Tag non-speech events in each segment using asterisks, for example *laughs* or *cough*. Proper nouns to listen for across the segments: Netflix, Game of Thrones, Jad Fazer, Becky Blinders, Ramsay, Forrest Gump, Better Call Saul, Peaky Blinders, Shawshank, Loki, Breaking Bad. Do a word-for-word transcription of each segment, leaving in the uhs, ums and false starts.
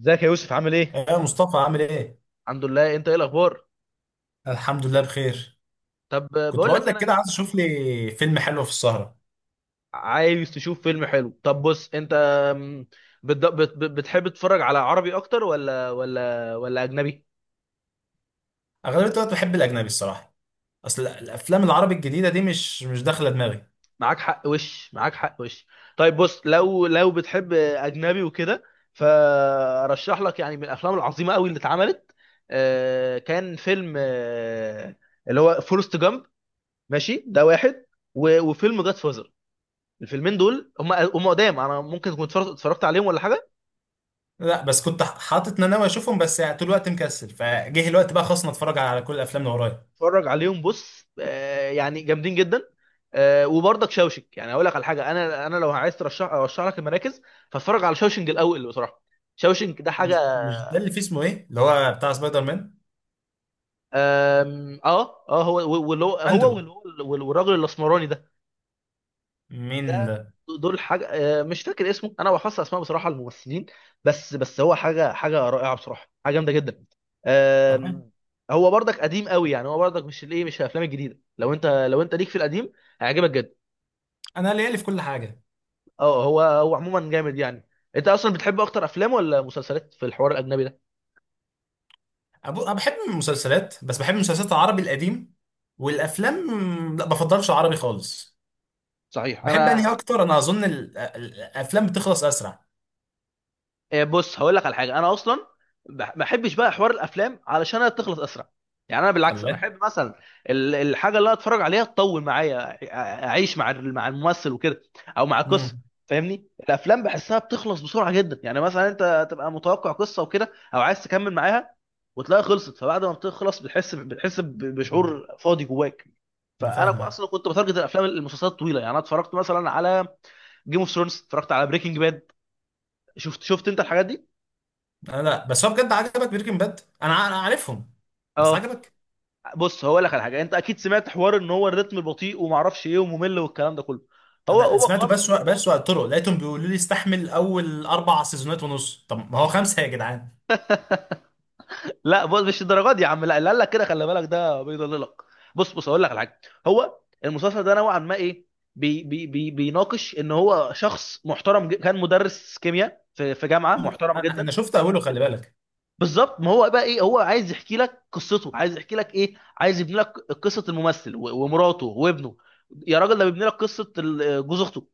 ازيك يا يوسف؟ عامل ايه؟ يا مصطفى عامل ايه؟ الحمد لله. انت ايه الاخبار؟ الحمد لله بخير. طب كنت بقول بقول لك لك كده انا، عايز اشوف لي فيلم حلو في السهرة. عايز تشوف فيلم حلو؟ طب بص انت، م، بت- بت- بتحب تتفرج على عربي اكتر ولا ولا ولا اجنبي؟ اغلبية الوقت بحب الاجنبي الصراحة. اصل الافلام العربي الجديدة دي مش مش داخلة دماغي. معاك حق وش معاك حق وش طيب بص، لو لو بتحب اجنبي وكده، فرشح لك يعني من الافلام العظيمه قوي اللي اتعملت. آه، كان فيلم آه، اللي هو فورست جامب. ماشي، ده واحد. و- وفيلم جاد فازر. الفيلمين دول، هم هم قدام. انا ممكن كنت اتفرجت اتفرجت عليهم ولا حاجه؟ لا بس كنت حاطط إن انا ناوي اشوفهم، بس يعني طول الوقت مكسل، فجه الوقت بقى خلاص أنا اتفرج على كل الافلام اللي ورايا. اتفرج عليهم. بص آه، يعني جامدين جدا. آه، وبرضك شوشك. يعني اقول لك على حاجه، انا انا لو عايز ترشح، ارشح لك المراكز. فاتفرج على شوشنج الاول بصراحه. شوشنج ده حاجه. مش مش ده اللي فيه اسمه ايه؟ اللي هو بتاع سبايدر مان. آم، اه اه، هو واللي هو هو اندرو. واللي هو- والراجل الاسمراني ده. مين ده ده؟ دول حاجه. آه، مش فاكر اسمه، انا بحفظ اسماء بصراحه الممثلين. بس بس هو حاجه، حاجه رائعه بصراحه، حاجه جامده جدا. طبعا. آم، هو برضك قديم قوي. يعني هو برضك مش الايه، مش الافلام الجديده. لو انت، لو انت ليك في القديم، هيعجبك جدا. انا ليالي في كل حاجة. اه، هو هو عموما جامد يعني. انت اصلا بتحب اكتر افلام ولا مسلسلات في الحوار الاجنبي ده؟ أبو... انا بحب المسلسلات، بس بحب المسلسلات العربي القديم والافلام. لا بفضلش العربي خالص. صحيح بحب انهي انا اكتر؟ انا اظن ال- ال- الافلام بتخلص اسرع. إيه، بص، هقول لك على حاجه. انا اصلا بح- ما بحبش بقى حوار الافلام، علشان هي تخلص اسرع. يعني انا بالعكس، انا الله. احب مثلا ال- الحاجه اللي أنا اتفرج عليها تطول معايا. أع- اعيش مع ال- مع الممثل وكده، او مع القصه. امم. فاهمني؟ الافلام بحسها بتخلص بسرعه جدا. يعني مثلا انت تبقى متوقع قصه وكده، او عايز تكمل معاها، وتلاقيها خلصت. فبعد ما بتخلص، بتحس بتحس ب- بشعور فاضي جواك. انا فانا كو- فاهمك. اصلا كنت بتارجت الافلام، المسلسلات الطويله. يعني انا اتفرجت مثلا على جيم اوف ثرونز، اتفرجت على بريكنج باد. شفت شفت انت الحاجات دي؟ انا لا، بس هو بجد عجبك بريكنج باد؟ انا ع- انا عارفهم. بس اه. عجبك؟ بص هقول لك على حاجه. انت اكيد سمعت حوار ان هو الريتم بطيء وما اعرفش ايه وممل والكلام ده كله. هو انا هو سمعته، خالص. بس و- بس وقت طرق لقيتهم بيقولوا لي استحمل اول اربع سيزونات ونص، طب ما هو خمسه يا جدعان. لا بص، مش الدرجات دي يا عم. لا، اللي قال لك كده خلي بالك، ده بيضللك. بص بص هقول لك على حاجه. هو المسلسل ده نوعا ما ايه، بي بي بي بيناقش ان هو شخص محترم جد- كان مدرس كيمياء في في جامعه محترمه انا أنا جدا. شفت اوله خلي بالك. بالظبط. ما هو بقى ايه، هو عايز يحكي لك قصته، عايز يحكي لك ايه، عايز يبني لك قصه الممثل و- ومراته وابنه. يا راجل، ده بيبني لك قصه ال- جوز اخته،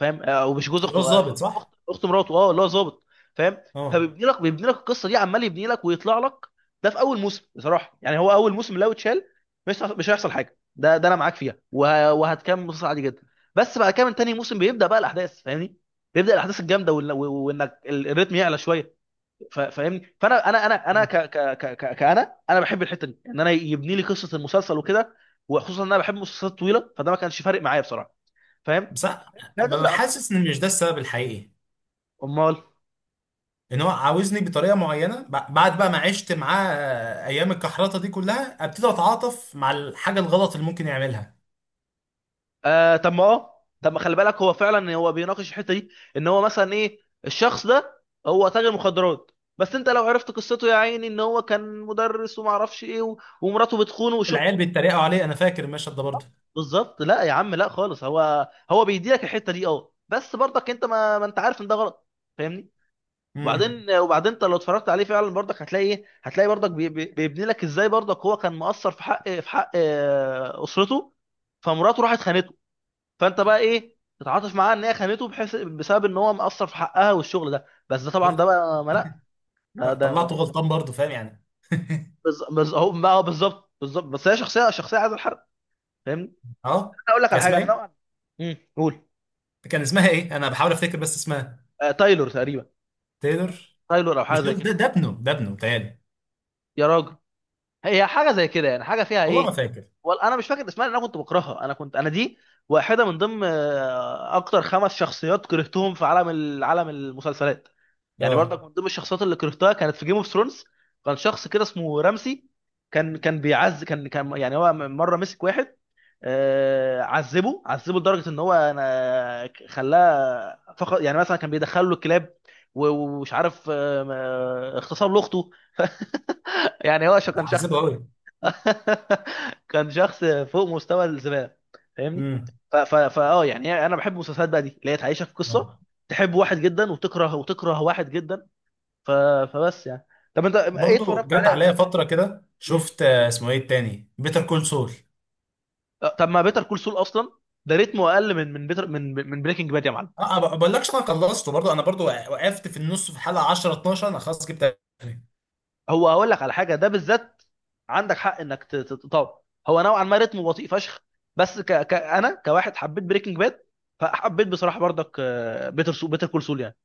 فاهم؟ آه، او مش جوز هو اخته، الظابط آه، صح. اخت، اخت مراته، اه، اللي هو ظابط. فاهم؟ اه. فبيبني لك، بيبني لك القصه دي، عمال يبني لك ويطلع لك. ده في اول موسم بصراحه. يعني هو اول موسم لو اتشال، مش هيحصل- مش هيحصل حاجه. ده ده انا معاك فيها، وه- وهتكمل مسلسل عادي جدا. بس بعد كده من تاني موسم بيبدا بقى الاحداث، فاهمني؟ بيبدا الاحداث الجامده، وإن- و- وانك ال- الريتم يعلى شويه. ف- فاهمني؟ فانا، انا انا انا ك ك ك ك- كأنا انا بحب الحته دي، ان انا يبني لي قصه المسلسل وكده. وخصوصا ان انا بحب المسلسلات الطويله، فده ما كانش فارق معايا بصراحه. فاهم؟ بس أنا- لا ببقى تفرق عن شخص. حاسس ان مش ده السبب الحقيقي. امال؟ ان هو عاوزني بطريقه معينه، ب- بعد بقى ما عشت معاه آه، ايام الكحرطه دي كلها ابتدي اتعاطف مع الحاجه الغلط اللي ممكن يعملها. آه طب ما اه، طب ما خلي بالك، هو فعلا هو بيناقش الحته دي. ان هو مثلا ايه، الشخص ده هو تاجر مخدرات، بس انت لو عرفت قصته يا عيني، ان هو كان مدرس وما اعرفش ايه و- ومراته بتخونه وشو. العيال بيتريقوا عليه، انا فاكر المشهد ده برضه. بالظبط. لا يا عم لا خالص، هو هو بيديلك الحته دي. اه، بس برضك انت ما, ما انت عارف ان ده غلط، فاهمني؟ امم. وبعدين، وبعدين انت لو اتفرجت عليه فعلا برضك، هتلاقي ايه، هتلاقي برضك بي- بي- بيبني لك ازاي برضك هو كان مقصر في حق، في حق آه، اسرته. فمراته راحت خانته. فانت بقى ايه، تتعاطف معاه ان هي خانته، بحيث بسبب ان هو مقصر في حقها والشغل ده. بس ده طبعا شفت. ده بقى ما لا، ده آه، ده طلعته ده غلطان برضه فاهم يعني. بز- بز- هو بقى هو بالظبط، بالظبط بس هي شخصيه، شخصيه عايزه الحرق، فاهمني؟ انا اه. اقول لك كان على حاجه، اسمها انا ايه؟ نوعا. امم قول. كان اسمها ايه، انا بحاول افتكر بس اسمها. آه تايلور تقريبا. تايلور. تايلور او مش حاجه زي تايلور، ده كده. ده ابنه، ده ابنه بتهيألي. يا راجل، هي حاجه زي كده يعني، حاجه فيها والله ما ايه. فاكر. ولا انا مش فاكر اسمها، لان انا كنت بكرهها. انا كنت، انا دي واحده من ضمن آه، اكتر خمس شخصيات كرهتهم في عالم ال- عالم المسلسلات. يعني اه. برضك من ضمن الشخصيات اللي كرهتها كانت في جيم اوف ثرونز. كان شخص كده اسمه رمسي. كان كان بيعز كان كان يعني، هو مره مسك واحد آه، عذبه، عذبه لدرجه ان هو أنا خلاه فقط. يعني مثلا كان بيدخله الكلاب و- ومش عارف، آه، آه، اغتصب لاخته. يعني هو شو، كان شخص عذبه زبالة. قوي. *laughs* كان شخص فوق مستوى الزبالة، فاهمني؟ امم. ف- ف- فاه يعني انا بحب المسلسلات بقى دي، اللي هي تعيشك في اه. قصة، تحب واحد جدا، وتكره، وتكره واحد جدا. ف... فبس يعني. طب انت ايه برضه اتفرجت جت عليه عليا اجنبي طيب؟ فتره كده، مم. شفت آه، اسمه ايه التاني، بيتر كول سول. طب ما بيتر كول سول اصلا، ده ريتمه اقل من، من بيتر من من بريكنج باد يا معلم. اه ما بقولكش، انا خلصته برضو، انا برضو وقفت في النص في حلقه عشرة اتناشر، انا خلاص جبت اخري. هو هقول لك على حاجه ده بالذات، عندك حق انك ت- ت- تطور. هو نوعا ما رتمه بطيء فشخ. بس ك... ك... انا كواحد حبيت بريكنج باد، فحبيت بصراحه برضك بيتر سو... بيتر كول سول يعني.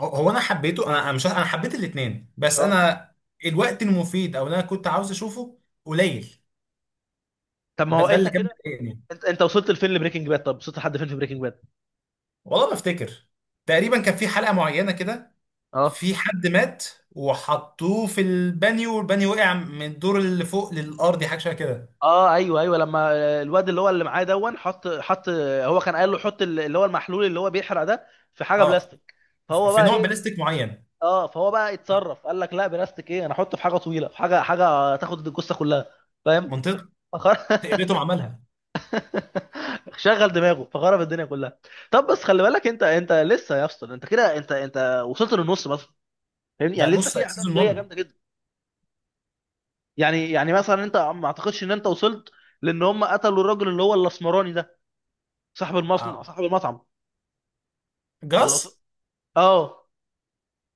هو هو انا حبيته، انا أنا مش انا حبيت الاثنين، بس اه انا الوقت المفيد او اللي انا كنت عاوز اشوفه قليل. طب ما ده هو ده انت اللي كان كده، مضايقني. انت انت وصلت لفين لبريكنج باد؟ طب وصلت لحد فين في بريكنج باد؟ والله ما افتكر. تقريبا كان في حلقه معينه كده، اه. في حد مات وحطوه في البانيو والبانيو وقع من الدور اللي فوق للارض، حاجه شبه كده. اه ايوه، ايوه لما الواد اللي هو اللي معاه دون، حط، حط هو كان قال له حط اللي هو المحلول اللي هو بيحرق ده في حاجه اه. بلاستيك. فهو في بقى نوع ايه، بلاستيك معين. اه فهو بقى اتصرف، قال لك لا بلاستيك ايه، انا احطه في حاجه طويله، في حاجه، حاجه تاخد الجثه كلها، فاهم؟ منطقه. فخر... يا ريتهم عملها. *laughs* شغل دماغه فخرب الدنيا كلها. طب بس خلي بالك انت، انت لسه يا اسطى. انت كده، انت انت وصلت للنص مثلا، فاهمني؟ ده يعني لسه نص في احداث سيزون جايه واحد. جامده جدا. يعني يعني مثلا انت ما اعتقدش ان انت وصلت، لان هم قتلوا الراجل اللي هو الاسمراني ده، صاحب اه. المصنع، صاحب المطعم. جاس. ولا وصل... اه.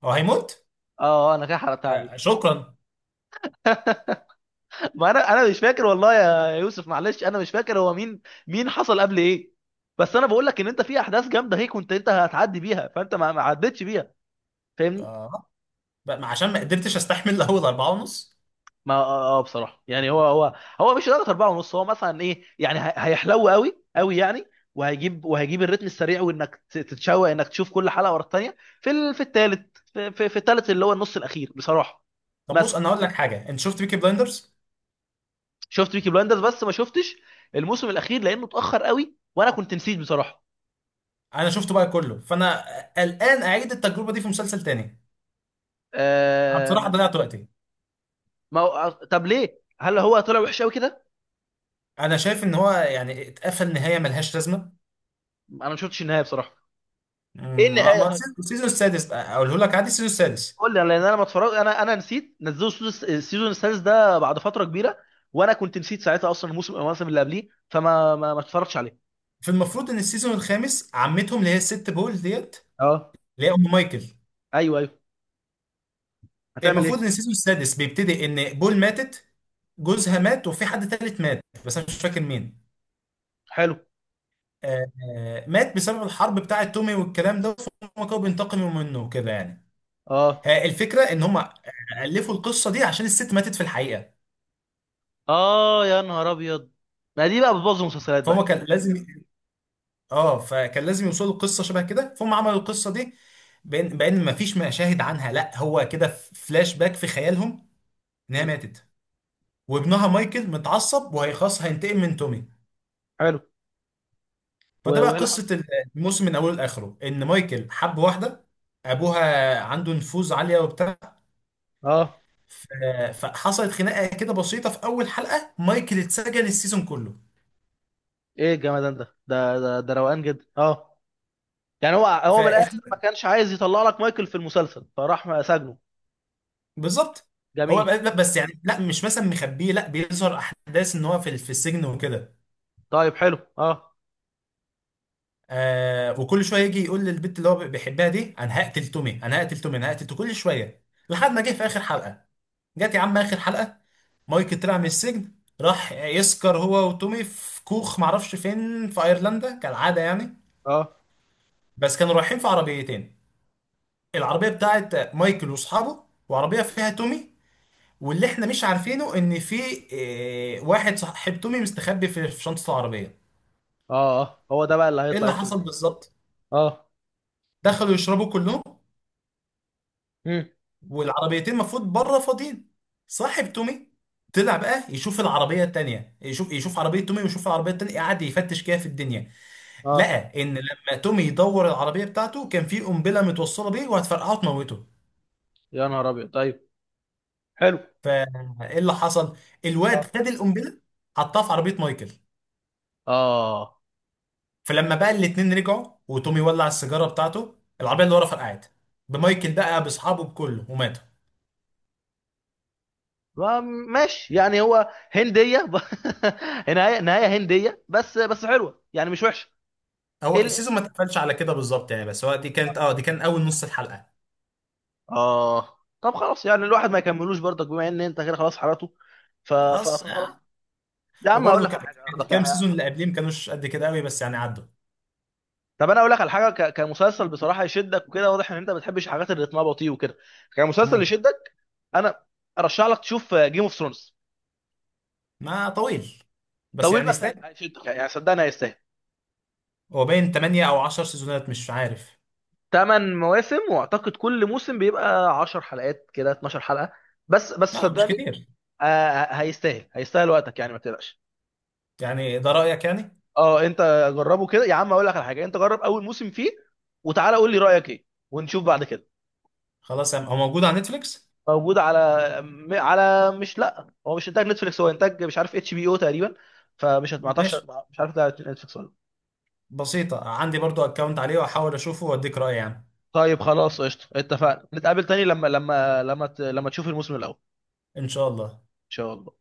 هو هيموت. اه انا كده حرقتها آه، عليك. شكرا. *laughs* ما انا، انا مش فاكر والله يا يوسف، معلش انا مش فاكر هو مين، مين حصل قبل ايه. بس انا بقول لك ان انت في احداث جامده هيك، كنت انت هتعدي بيها، فانت ما ما عدتش بيها، فاهمني؟ آه، بقى- عشان ما قدرتش استحمل اول اربعة ونص. ما اه، آه، آه، بصراحه يعني، هو هو هو مش لدرجه أربعة ونص. هو مثلا ايه يعني، هي- هيحلو قوي قوي يعني، وهيجيب وهيجيب الريتم السريع، وانك ت- تتشوق انك تشوف كل حلقه ورا الثانيه في ال... في الثالث، في, في, في الثالث اللي هو النص الاخير بصراحه. طب بص، مثلا، انا هقول لك حاجه، انت شفت بيكي بلايندرز؟ شفت بيكي بلاندرز؟ بس ما شفتش الموسم الاخير لانه اتاخر قوي وانا كنت نسيت بصراحه. انا شفته بقى كله، فانا آه، الان اعيد التجربه دي في مسلسل تاني. أنا آم... بصراحه ضيعت وقتي. ما هو، طب ليه؟ هل هو طلع وحش قوي كده؟ انا شايف ان هو يعني اتقفل نهايه ملهاش لازمه. انا ما شفتش النهايه بصراحه. ايه مم، ما النهايه؟ ما- السيزون السادس بقى اقوله لك عادي، السيزون السادس. قول لي، لان انا ما اتفرج، انا انا نسيت، نزلوا السيزون، السيزون السادس ده بعد فتره كبيره، وانا كنت نسيت ساعتها اصلا الموسم، الموسم اللي قبليه، فما ما, ما اتفرجتش عليه. في المفروض ان السيزون الخامس عمتهم اللي هي الست بول ديت اه اللي هي ام مايكل. ايوه ايوه. هتعمل المفروض ايه؟ ان السيزون السادس بيبتدي ان بول ماتت، جوزها مات، وفي حد تالت مات بس انا مش فاكر مين. حلو. آه، آه، مات بسبب الحرب بتاعة تومي والكلام ده، فهم كانوا بينتقموا منه وكده يعني. اه آه، الفكرة ان هم ألفوا القصة دي عشان الست ماتت في الحقيقة، اه، يا نهار ابيض. ما دي بقى بتبوظ المسلسلات بقى فهم دي. كان لازم. اه، فكان لازم يوصلوا القصة شبه كده، فهم عملوا القصة دي بان بان مفيش مشاهد عنها، لا هو كده فلاش باك في خيالهم ان هي مم. ماتت. وابنها مايكل متعصب وهيخاص هينتقم من تومي. حلو. و- فده بقى وايه اللي حصل؟ قصة. الموسم من اوله لاخره ان مايكل حب واحدة، ابوها عنده نفوذ عالية وبتاع. اه. ف- فحصلت خناقه كده بسيطه في اول حلقه مايكل اتسجن السيزون كله. ايه الجمدان ده، ده ده, ده روقان جدا اه. يعني هو ف هو من الاخر ما كانش عايز يطلع لك مايكل في المسلسل، فراح سجنه. بالظبط. هو جميل. ب- لا بس يعني لا مش مثلا مخبيه، لا بيظهر احداث ان هو في في السجن وكده. طيب حلو اه. آه وكل شويه يجي يقول للبنت اللي هو بيحبها دي، انا هقتل تومي انا هقتل تومي انا هقتل تومي كل شويه، لحد ما جه في اخر حلقه. جت يا عم اخر حلقه، مايكل طلع من السجن، راح يسكر هو وتومي في كوخ معرفش فين في ايرلندا كالعاده يعني. اه بس كانوا رايحين في عربيتين، العربية بتاعت مايكل واصحابه، وعربية فيها تومي. واللي احنا مش عارفينه ان في آه، واحد صاحب تومي مستخبي في في شنطة العربية. اه اه، هو ده بقى اللي ايه هيطلع اللي يخرب حصل الدنيا. بالظبط؟ اه. دخلوا يشربوا كلهم مم. والعربيتين المفروض بره فاضيين. صاحب تومي طلع بقى يشوف العربية التانية، يشوف يشوف عربية تومي ويشوف العربية التانية، قعد يفتش كده في الدنيا، اه، لقى ان لما تومي يدور العربية بتاعته كان في قنبلة متوصلة بيه وهتفرقعه وتموته. يا نهار ابيض. طيب، حلو. فايه اللي حصل؟ الواد اه خد القنبلة حطها في عربية مايكل. اه. فلما بقى الاتنين رجعوا وتومي ولع السيجاره بتاعته، العربيه اللي ورا فرقعت بمايكل بقى باصحابه بكله وماتوا. ما- ماشي، يعني هو هنديه ب... *laughs* نهايه، نهايه هنديه، بس بس حلوه يعني، مش وحشه. إيه هو ال- السيزون ما اتقفلش على كده بالظبط يعني، بس هو دي آه. كانت اه دي كان اول نص الحلقه. اه طب خلاص، يعني الواحد ما يكملوش برضك، بما ان انت كده خلاص حرقته. ف... ف... أص... فخلاص. آه. يا عم اقول وبرضه لك على ك- حاجه برضك الكام يعني. سيزون اللي قبليه ما كانوش قد كده قوي، بس يعني عدوا. طب انا اقول لك على حاجه، ك... كمسلسل بصراحه يشدك وكده، واضح ان انت ما بتحبش الحاجات اللي رتمها بطيء وكده. كمسلسل امم. يشدك، انا ارشح لك تشوف جيم اوف ثرونز. ما طويل، بس طويل يعني بس، هي- يستاهل. هيشدك يعني، صدقني هيستاهل. هو باين تمانية او عشر سيزونات مش عارف. ثمان مواسم، واعتقد كل موسم بيبقى عشر حلقات كده، 12 حلقة. بس بس لا مش صدقني كتير. آه آه، هيستاهل، هيستاهل وقتك يعني، ما تقلقش. يعني ده رايك يعني؟ اه انت جربه كده يا عم. اقول لك على حاجة، انت جرب اول موسم فيه، وتعالى قول لي رأيك ايه، ونشوف بعد كده. خلاص يعني. هو موجود على نتفليكس؟ موجود على م- على مش، لا هو مش انتاج نتفليكس، هو انتاج مش عارف اتش بي او تقريبا. فمش هت- ما اعتقدش. ماشي. مش عارف ده نتفليكس ولا لأ. بسيطه، عندي برضو اكونت عليه واحاول اشوفه واديك رايي يعني. طيب خلاص قشطة، اتفقنا نتقابل تاني لما، لما لما ت- لما تشوف الموسم الاول. ان شاء الله. ان شاء الله.